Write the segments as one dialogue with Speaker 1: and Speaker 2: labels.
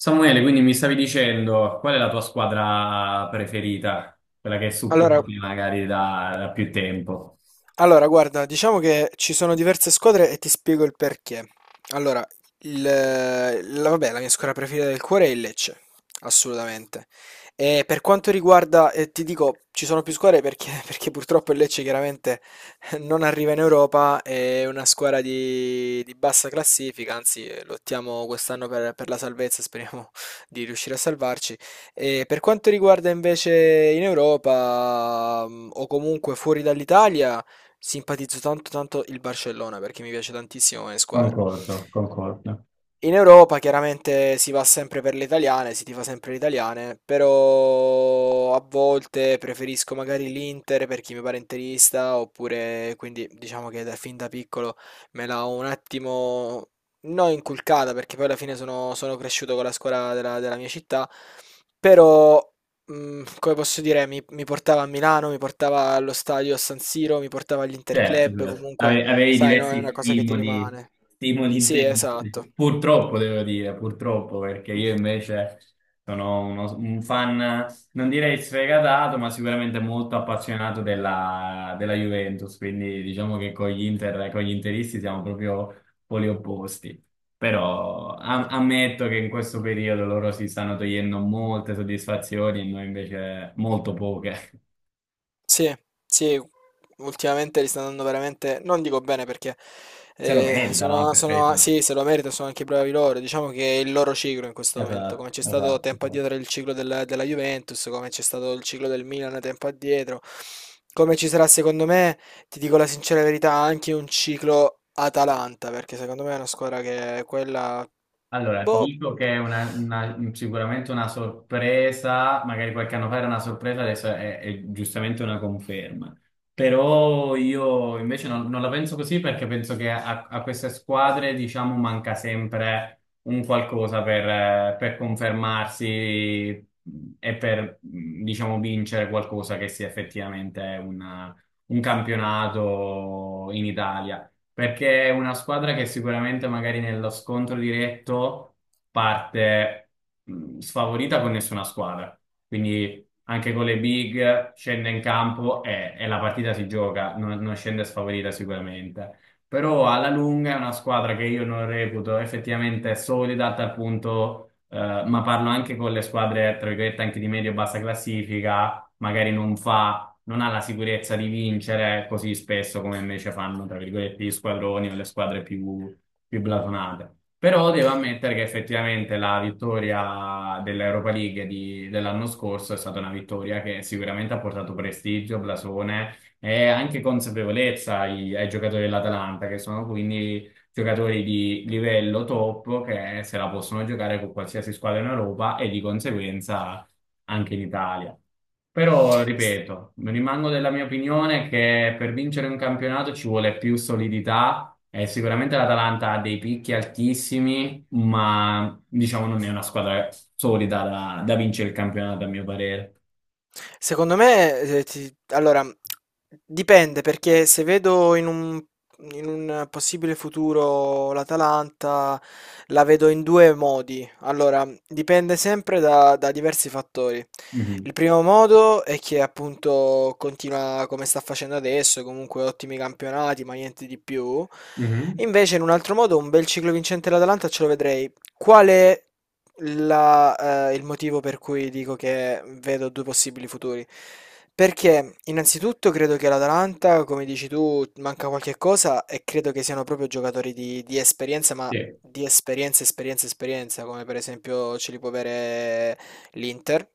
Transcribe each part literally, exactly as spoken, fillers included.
Speaker 1: Samuele, quindi mi stavi dicendo qual è la tua squadra preferita? Quella che
Speaker 2: Allora,
Speaker 1: supporti magari da, da più tempo.
Speaker 2: allora, guarda, diciamo che ci sono diverse squadre e ti spiego il perché. Allora, il, la, vabbè, la mia squadra preferita del cuore è il Lecce, assolutamente. E per quanto riguarda, eh, ti dico, ci sono più squadre perché, perché purtroppo il Lecce chiaramente non arriva in Europa, è una squadra di, di bassa classifica, anzi eh, lottiamo quest'anno per, per la salvezza, speriamo di riuscire a salvarci. E per quanto riguarda invece in Europa, mm, o comunque fuori dall'Italia, simpatizzo tanto tanto il Barcellona perché mi piace tantissimo come squadra.
Speaker 1: Concordo, concordo.
Speaker 2: In Europa chiaramente si va sempre per le italiane, si tifa sempre le italiane, però a volte preferisco magari l'Inter per chi mi pare interista, oppure quindi diciamo che da, fin da piccolo me l'ha un attimo non inculcata, perché poi alla fine sono, sono cresciuto con la scuola della, della mia città, però mm, come posso dire, mi, mi portava a Milano, mi portava allo stadio San Siro, mi portava
Speaker 1: Certo,
Speaker 2: all'Interclub,
Speaker 1: certo.
Speaker 2: comunque
Speaker 1: Ave- avevi
Speaker 2: sai, no, è
Speaker 1: diversi
Speaker 2: una cosa che ti
Speaker 1: stimoli,
Speaker 2: rimane.
Speaker 1: stimoli
Speaker 2: Sì,
Speaker 1: intensi.
Speaker 2: esatto.
Speaker 1: Purtroppo, devo dire, purtroppo, perché io invece sono uno- un fan, non direi sfegatato, ma sicuramente molto appassionato della, della Juventus, quindi diciamo che con gli Inter, con gli interisti siamo proprio poli opposti. Però am- ammetto che in questo periodo loro si stanno togliendo molte soddisfazioni e noi invece molto poche.
Speaker 2: Sì, sì, ultimamente li stanno andando veramente, non dico bene perché
Speaker 1: Se lo
Speaker 2: eh,
Speaker 1: meritano,
Speaker 2: sono,
Speaker 1: eh, per
Speaker 2: sono-
Speaker 1: carità.
Speaker 2: sì, se lo meritano, sono anche bravi loro. Diciamo che è il loro ciclo in questo momento, come
Speaker 1: Esatto,
Speaker 2: c'è stato
Speaker 1: esatto,
Speaker 2: tempo
Speaker 1: esatto.
Speaker 2: addietro il ciclo della, della Juventus, come c'è stato il ciclo del Milan tempo addietro, come ci sarà secondo me, ti dico la sincera verità, anche un ciclo Atalanta, perché secondo me è una squadra che è quella.
Speaker 1: Allora, ti
Speaker 2: Boh.
Speaker 1: dico che è una- una- sicuramente una sorpresa, magari qualche anno fa era una sorpresa, adesso è, è giustamente una conferma. Però io invece non, non la penso così perché penso che a, a queste squadre, diciamo, manca sempre un qualcosa per, eh, per confermarsi e per, mh, diciamo, vincere qualcosa che sia effettivamente una- un campionato in Italia. Perché è una squadra che sicuramente magari nello scontro diretto parte mh, sfavorita con nessuna squadra. Quindi anche con le big scende in campo e, e la partita si gioca, non, non scende sfavorita sicuramente. Però alla lunga è una squadra che io non reputo effettivamente solida a tal punto, eh, ma parlo anche con le squadre, tra virgolette, anche di medio-bassa classifica, magari non fa non ha la sicurezza di vincere così spesso come invece fanno, tra virgolette, gli squadroni o le squadre più, più blasonate. Però devo ammettere che effettivamente la vittoria dell'Europa League di- dell'anno scorso è stata una vittoria che sicuramente ha portato prestigio, blasone e anche consapevolezza ai, ai giocatori dell'Atalanta, che sono quindi giocatori di livello top che se la possono giocare con qualsiasi squadra in Europa e di conseguenza anche in Italia. Però, ripeto, rimango della mia opinione che per vincere un campionato ci vuole più solidità e sicuramente l'Atalanta ha dei picchi altissimi, ma diciamo non è una squadra solida da, da vincere il campionato, a mio parere.
Speaker 2: Secondo me, eh, eh, ti- allora, dipende perché se vedo in un, in un possibile futuro l'Atalanta, la vedo in due modi. Allora, dipende sempre da, da diversi fattori.
Speaker 1: Mhm,
Speaker 2: Il primo modo è che appunto continua come sta facendo adesso, comunque ottimi campionati, ma niente di più.
Speaker 1: mhm,
Speaker 2: Invece, in un altro modo, un bel ciclo vincente l'Atalanta ce lo vedrei. Quale la, eh, il motivo per cui dico che vedo due possibili futuri. Perché innanzitutto credo che l'Atalanta, come dici tu, manca qualche cosa e credo che siano proprio giocatori di, di esperienza, ma
Speaker 1: sì,
Speaker 2: di esperienza, esperienza, esperienza, come per esempio ce li può avere l'Inter,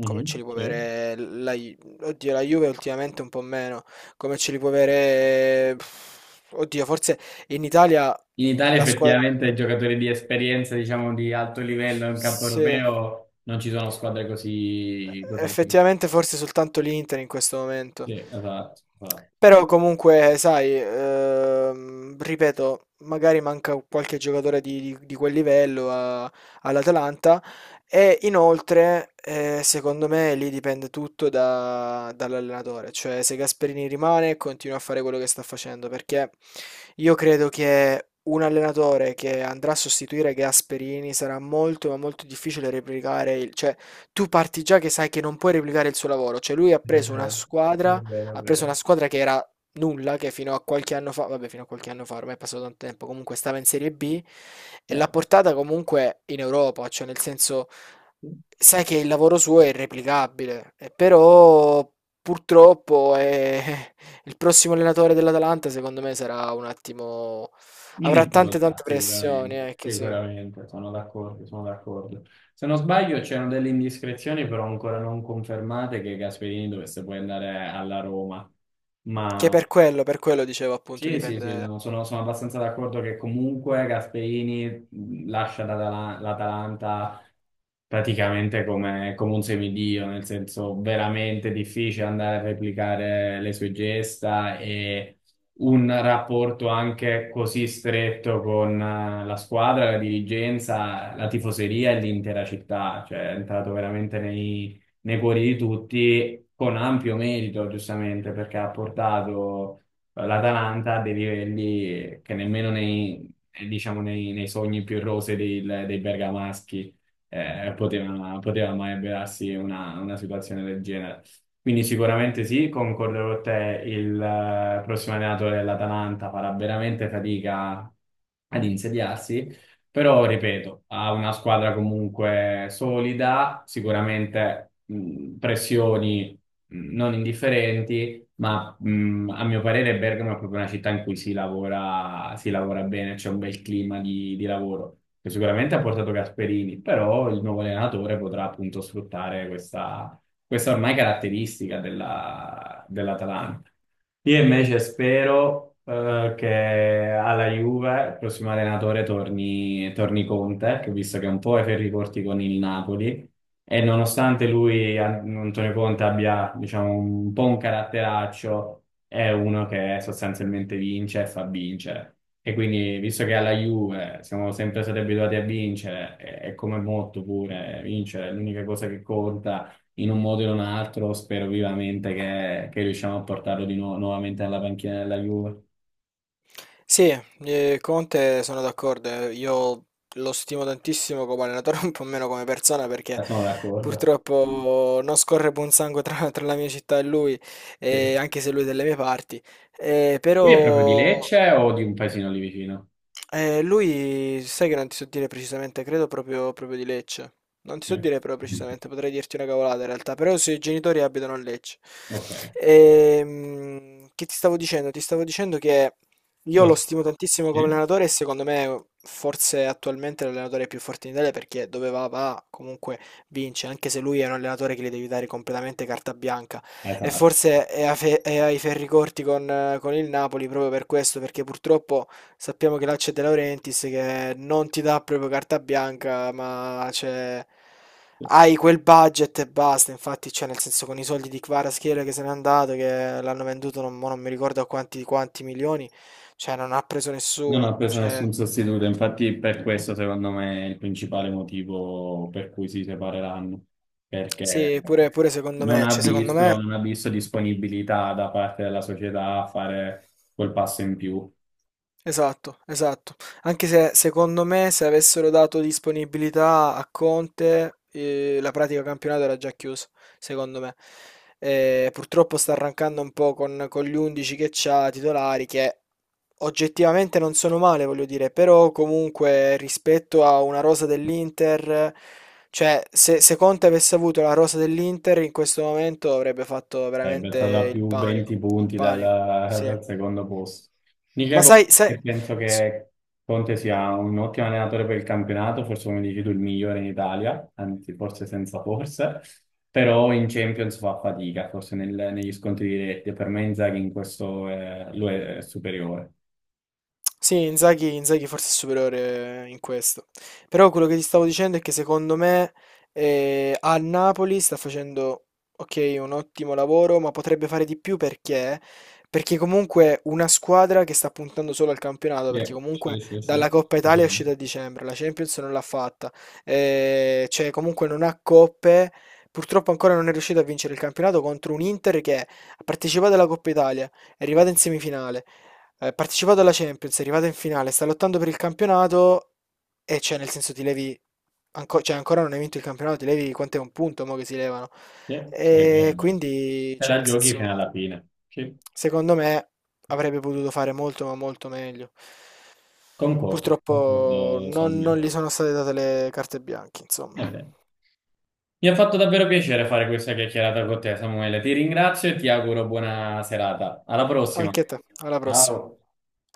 Speaker 2: come ce li può
Speaker 1: sì.
Speaker 2: avere la, Ju- oddio, la Juve ultimamente un po' meno, come ce li può avere, pff, oddio, forse in Italia
Speaker 1: In Italia
Speaker 2: la squadra.
Speaker 1: effettivamente giocatori di esperienza, diciamo, di alto livello in campo
Speaker 2: Sì.
Speaker 1: europeo non ci sono squadre così,
Speaker 2: Eh,
Speaker 1: così alte.
Speaker 2: Effettivamente forse soltanto l'Inter in questo
Speaker 1: Sì,
Speaker 2: momento.
Speaker 1: esatto, esatto.
Speaker 2: Però comunque, sai, ehm, ripeto, magari manca qualche giocatore di, di- di quel livello a- all'Atalanta e inoltre, eh, secondo me, lì dipende tutto da- dall'allenatore. Cioè, se Gasperini rimane, continua a fare quello che sta facendo, perché io credo che un allenatore che andrà a sostituire Gasperini sarà molto, ma molto difficile replicare il, cioè, tu parti già che sai che non puoi replicare il suo lavoro, cioè lui ha
Speaker 1: È
Speaker 2: preso una
Speaker 1: vero, è
Speaker 2: squadra,
Speaker 1: vero, è
Speaker 2: ha preso una
Speaker 1: vero.
Speaker 2: squadra che era nulla, che fino a qualche anno fa, vabbè fino a qualche anno fa, ormai è passato tanto tempo, comunque stava in Serie B e l'ha portata comunque in Europa, cioè nel senso
Speaker 1: Sì.
Speaker 2: sai che il lavoro suo è irreplicabile, eh, però purtroppo eh, il prossimo allenatore dell'Atalanta secondo me sarà un attimo,
Speaker 1: In
Speaker 2: avrà tante
Speaker 1: difficoltà,
Speaker 2: tante pressioni,
Speaker 1: sicuramente,
Speaker 2: eh, che sì.
Speaker 1: sicuramente, sono d'accordo, sono d'accordo. Se non sbaglio c'erano delle indiscrezioni però ancora non confermate che Gasperini dovesse poi andare alla Roma,
Speaker 2: Che
Speaker 1: ma
Speaker 2: per quello, per quello dicevo appunto
Speaker 1: sì, sì, sì,
Speaker 2: dipende.
Speaker 1: no, sono, sono abbastanza d'accordo che comunque Gasperini mh, lascia l'Atala- l'Atalanta praticamente come, come un semidio, nel senso veramente difficile andare a replicare le sue gesta e un rapporto anche così stretto con eh, la squadra, la dirigenza, la tifoseria e l'intera città, cioè è entrato veramente nei, nei cuori di tutti con ampio merito, giustamente, perché ha portato eh, l'Atalanta a dei livelli che nemmeno nei, eh, diciamo, nei, nei sogni più rosei dei, dei bergamaschi eh, poteva, poteva mai avverarsi una, una situazione del genere. Quindi sicuramente sì, concordo con te, il eh, prossimo allenatore dell'Atalanta farà veramente fatica ad insediarsi, però ripeto, ha una squadra comunque solida, sicuramente mh, pressioni mh, non indifferenti, ma ma mh, a mio parere Bergamo è proprio una città in cui si lavora, si lavora bene, c'è un bel clima di, di lavoro, che sicuramente ha portato Gasperini, però il nuovo allenatore potrà appunto sfruttare questa, questa ormai caratteristica della, dell'Atalanta. Io invece spero eh, che alla Juve il prossimo allenatore torni, torni Conte, che ho visto che un po' è ferri corti con il Napoli, e nonostante lui, An- Antonio Conte, abbia, diciamo, un po' un caratteraccio, è uno che sostanzialmente vince e fa vincere. E quindi, visto che alla Juve siamo sempre stati abituati a vincere, e e come molto pure, vincere è l'unica cosa che conta in un modo o in un altro, spero vivamente che, che riusciamo a portarlo di nuovo nuovamente alla panchina della Juve.
Speaker 2: Sì, eh, Conte sono d'accordo, eh, io lo stimo tantissimo come allenatore, un po' meno come persona perché
Speaker 1: Ma sono d'accordo.
Speaker 2: purtroppo non scorre buon sangue tra, tra la mia città e lui,
Speaker 1: Sì.
Speaker 2: eh, anche se lui è delle mie parti. Eh,
Speaker 1: Lui è proprio di
Speaker 2: però
Speaker 1: Lecce o di un paesino lì vicino?
Speaker 2: eh, lui, sai che non ti so dire precisamente, credo proprio, proprio di Lecce. Non ti so
Speaker 1: Sì.
Speaker 2: dire però precisamente, potrei dirti una cavolata in realtà, però i suoi genitori abitano a Lecce.
Speaker 1: Ok.
Speaker 2: Ehm, che ti stavo dicendo? Ti stavo dicendo che io
Speaker 1: Lo
Speaker 2: lo
Speaker 1: so.
Speaker 2: stimo tantissimo come
Speaker 1: Sì.
Speaker 2: allenatore e secondo me forse attualmente è l'allenatore più forte in Italia perché dove va va, comunque vince, anche se lui è un allenatore che gli devi dare completamente carta bianca. E
Speaker 1: Esatto.
Speaker 2: forse è, a fe- è ai ferri corti con, eh, con il Napoli proprio per questo, perché purtroppo. Sappiamo che là c'è De Laurentiis che non ti dà proprio carta bianca, ma c'è. Hai quel budget e basta. Infatti, cioè, nel senso, con i soldi di Kvaratskhelia che se n'è andato, che l'hanno venduto, non, mo non mi ricordo a quanti, quanti milioni, cioè, non ha preso
Speaker 1: Non ha
Speaker 2: nessuno.
Speaker 1: preso
Speaker 2: Cioè,
Speaker 1: nessun sostituto, infatti per questo secondo me è il principale motivo per cui si separeranno, perché
Speaker 2: sì, pure, pure secondo
Speaker 1: non
Speaker 2: me,
Speaker 1: ha
Speaker 2: cioè, secondo
Speaker 1: visto,
Speaker 2: me,
Speaker 1: non ha visto disponibilità da parte della società a fare quel passo in più.
Speaker 2: esatto, esatto. Anche se secondo me, se avessero dato disponibilità a Conte, eh, la pratica campionato era già chiusa, secondo me. Eh, purtroppo sta arrancando un po' con, con gli undici che c'ha titolari che oggettivamente non sono male, voglio dire, però comunque rispetto a una rosa dell'Inter, cioè se, se Conte avesse avuto la rosa dell'Inter in questo momento avrebbe fatto
Speaker 1: Sarebbe
Speaker 2: veramente
Speaker 1: stata
Speaker 2: il
Speaker 1: più
Speaker 2: panico,
Speaker 1: venti
Speaker 2: il
Speaker 1: punti dal,
Speaker 2: panico, sì.
Speaker 1: dal secondo posto. Dice
Speaker 2: Ma sai,
Speaker 1: Conte
Speaker 2: sai,
Speaker 1: che penso
Speaker 2: s-
Speaker 1: che Conte sia un ottimo allenatore per il campionato, forse come dici tu il migliore in Italia, anzi forse senza forse, però in Champions fa fatica, forse nel- negli scontri diretti. Per me Inzaghi in questo eh, lo è, è superiore.
Speaker 2: Sì, Inzaghi, Inzaghi forse è superiore in questo. Però quello che ti stavo dicendo è che secondo me eh, a Napoli sta facendo, ok, un ottimo lavoro, ma potrebbe fare di più perché? Perché comunque una squadra che sta puntando solo al campionato,
Speaker 1: Sì,
Speaker 2: perché
Speaker 1: sì,
Speaker 2: comunque
Speaker 1: sì, sì, è
Speaker 2: dalla Coppa Italia è uscita
Speaker 1: vero.
Speaker 2: a dicembre, la Champions non l'ha fatta, eh, cioè comunque non ha coppe, purtroppo ancora non è riuscita a vincere il campionato contro un Inter che ha partecipato alla Coppa Italia, è arrivata in semifinale eh, partecipato alla Champions, è arrivata in finale, sta lottando per il campionato e cioè nel senso ti levi, anco- cioè ancora non hai vinto il campionato, ti levi quant'è un punto mo che si levano.
Speaker 1: Sì, sì, è vero,
Speaker 2: E
Speaker 1: è vero.
Speaker 2: quindi,
Speaker 1: Te
Speaker 2: cioè
Speaker 1: la
Speaker 2: nel
Speaker 1: giochi
Speaker 2: senso,
Speaker 1: fino alla fine. Sì,
Speaker 2: secondo me avrebbe potuto fare molto ma molto meglio.
Speaker 1: concordo,
Speaker 2: Purtroppo
Speaker 1: concordo
Speaker 2: non, non
Speaker 1: Samuele.
Speaker 2: gli sono state date le carte bianche,
Speaker 1: È
Speaker 2: insomma.
Speaker 1: vero. Mi ha fatto davvero piacere fare questa chiacchierata con te, Samuele. Ti ringrazio e ti auguro buona serata. Alla prossima.
Speaker 2: Anche a te, alla prossima.
Speaker 1: Ciao.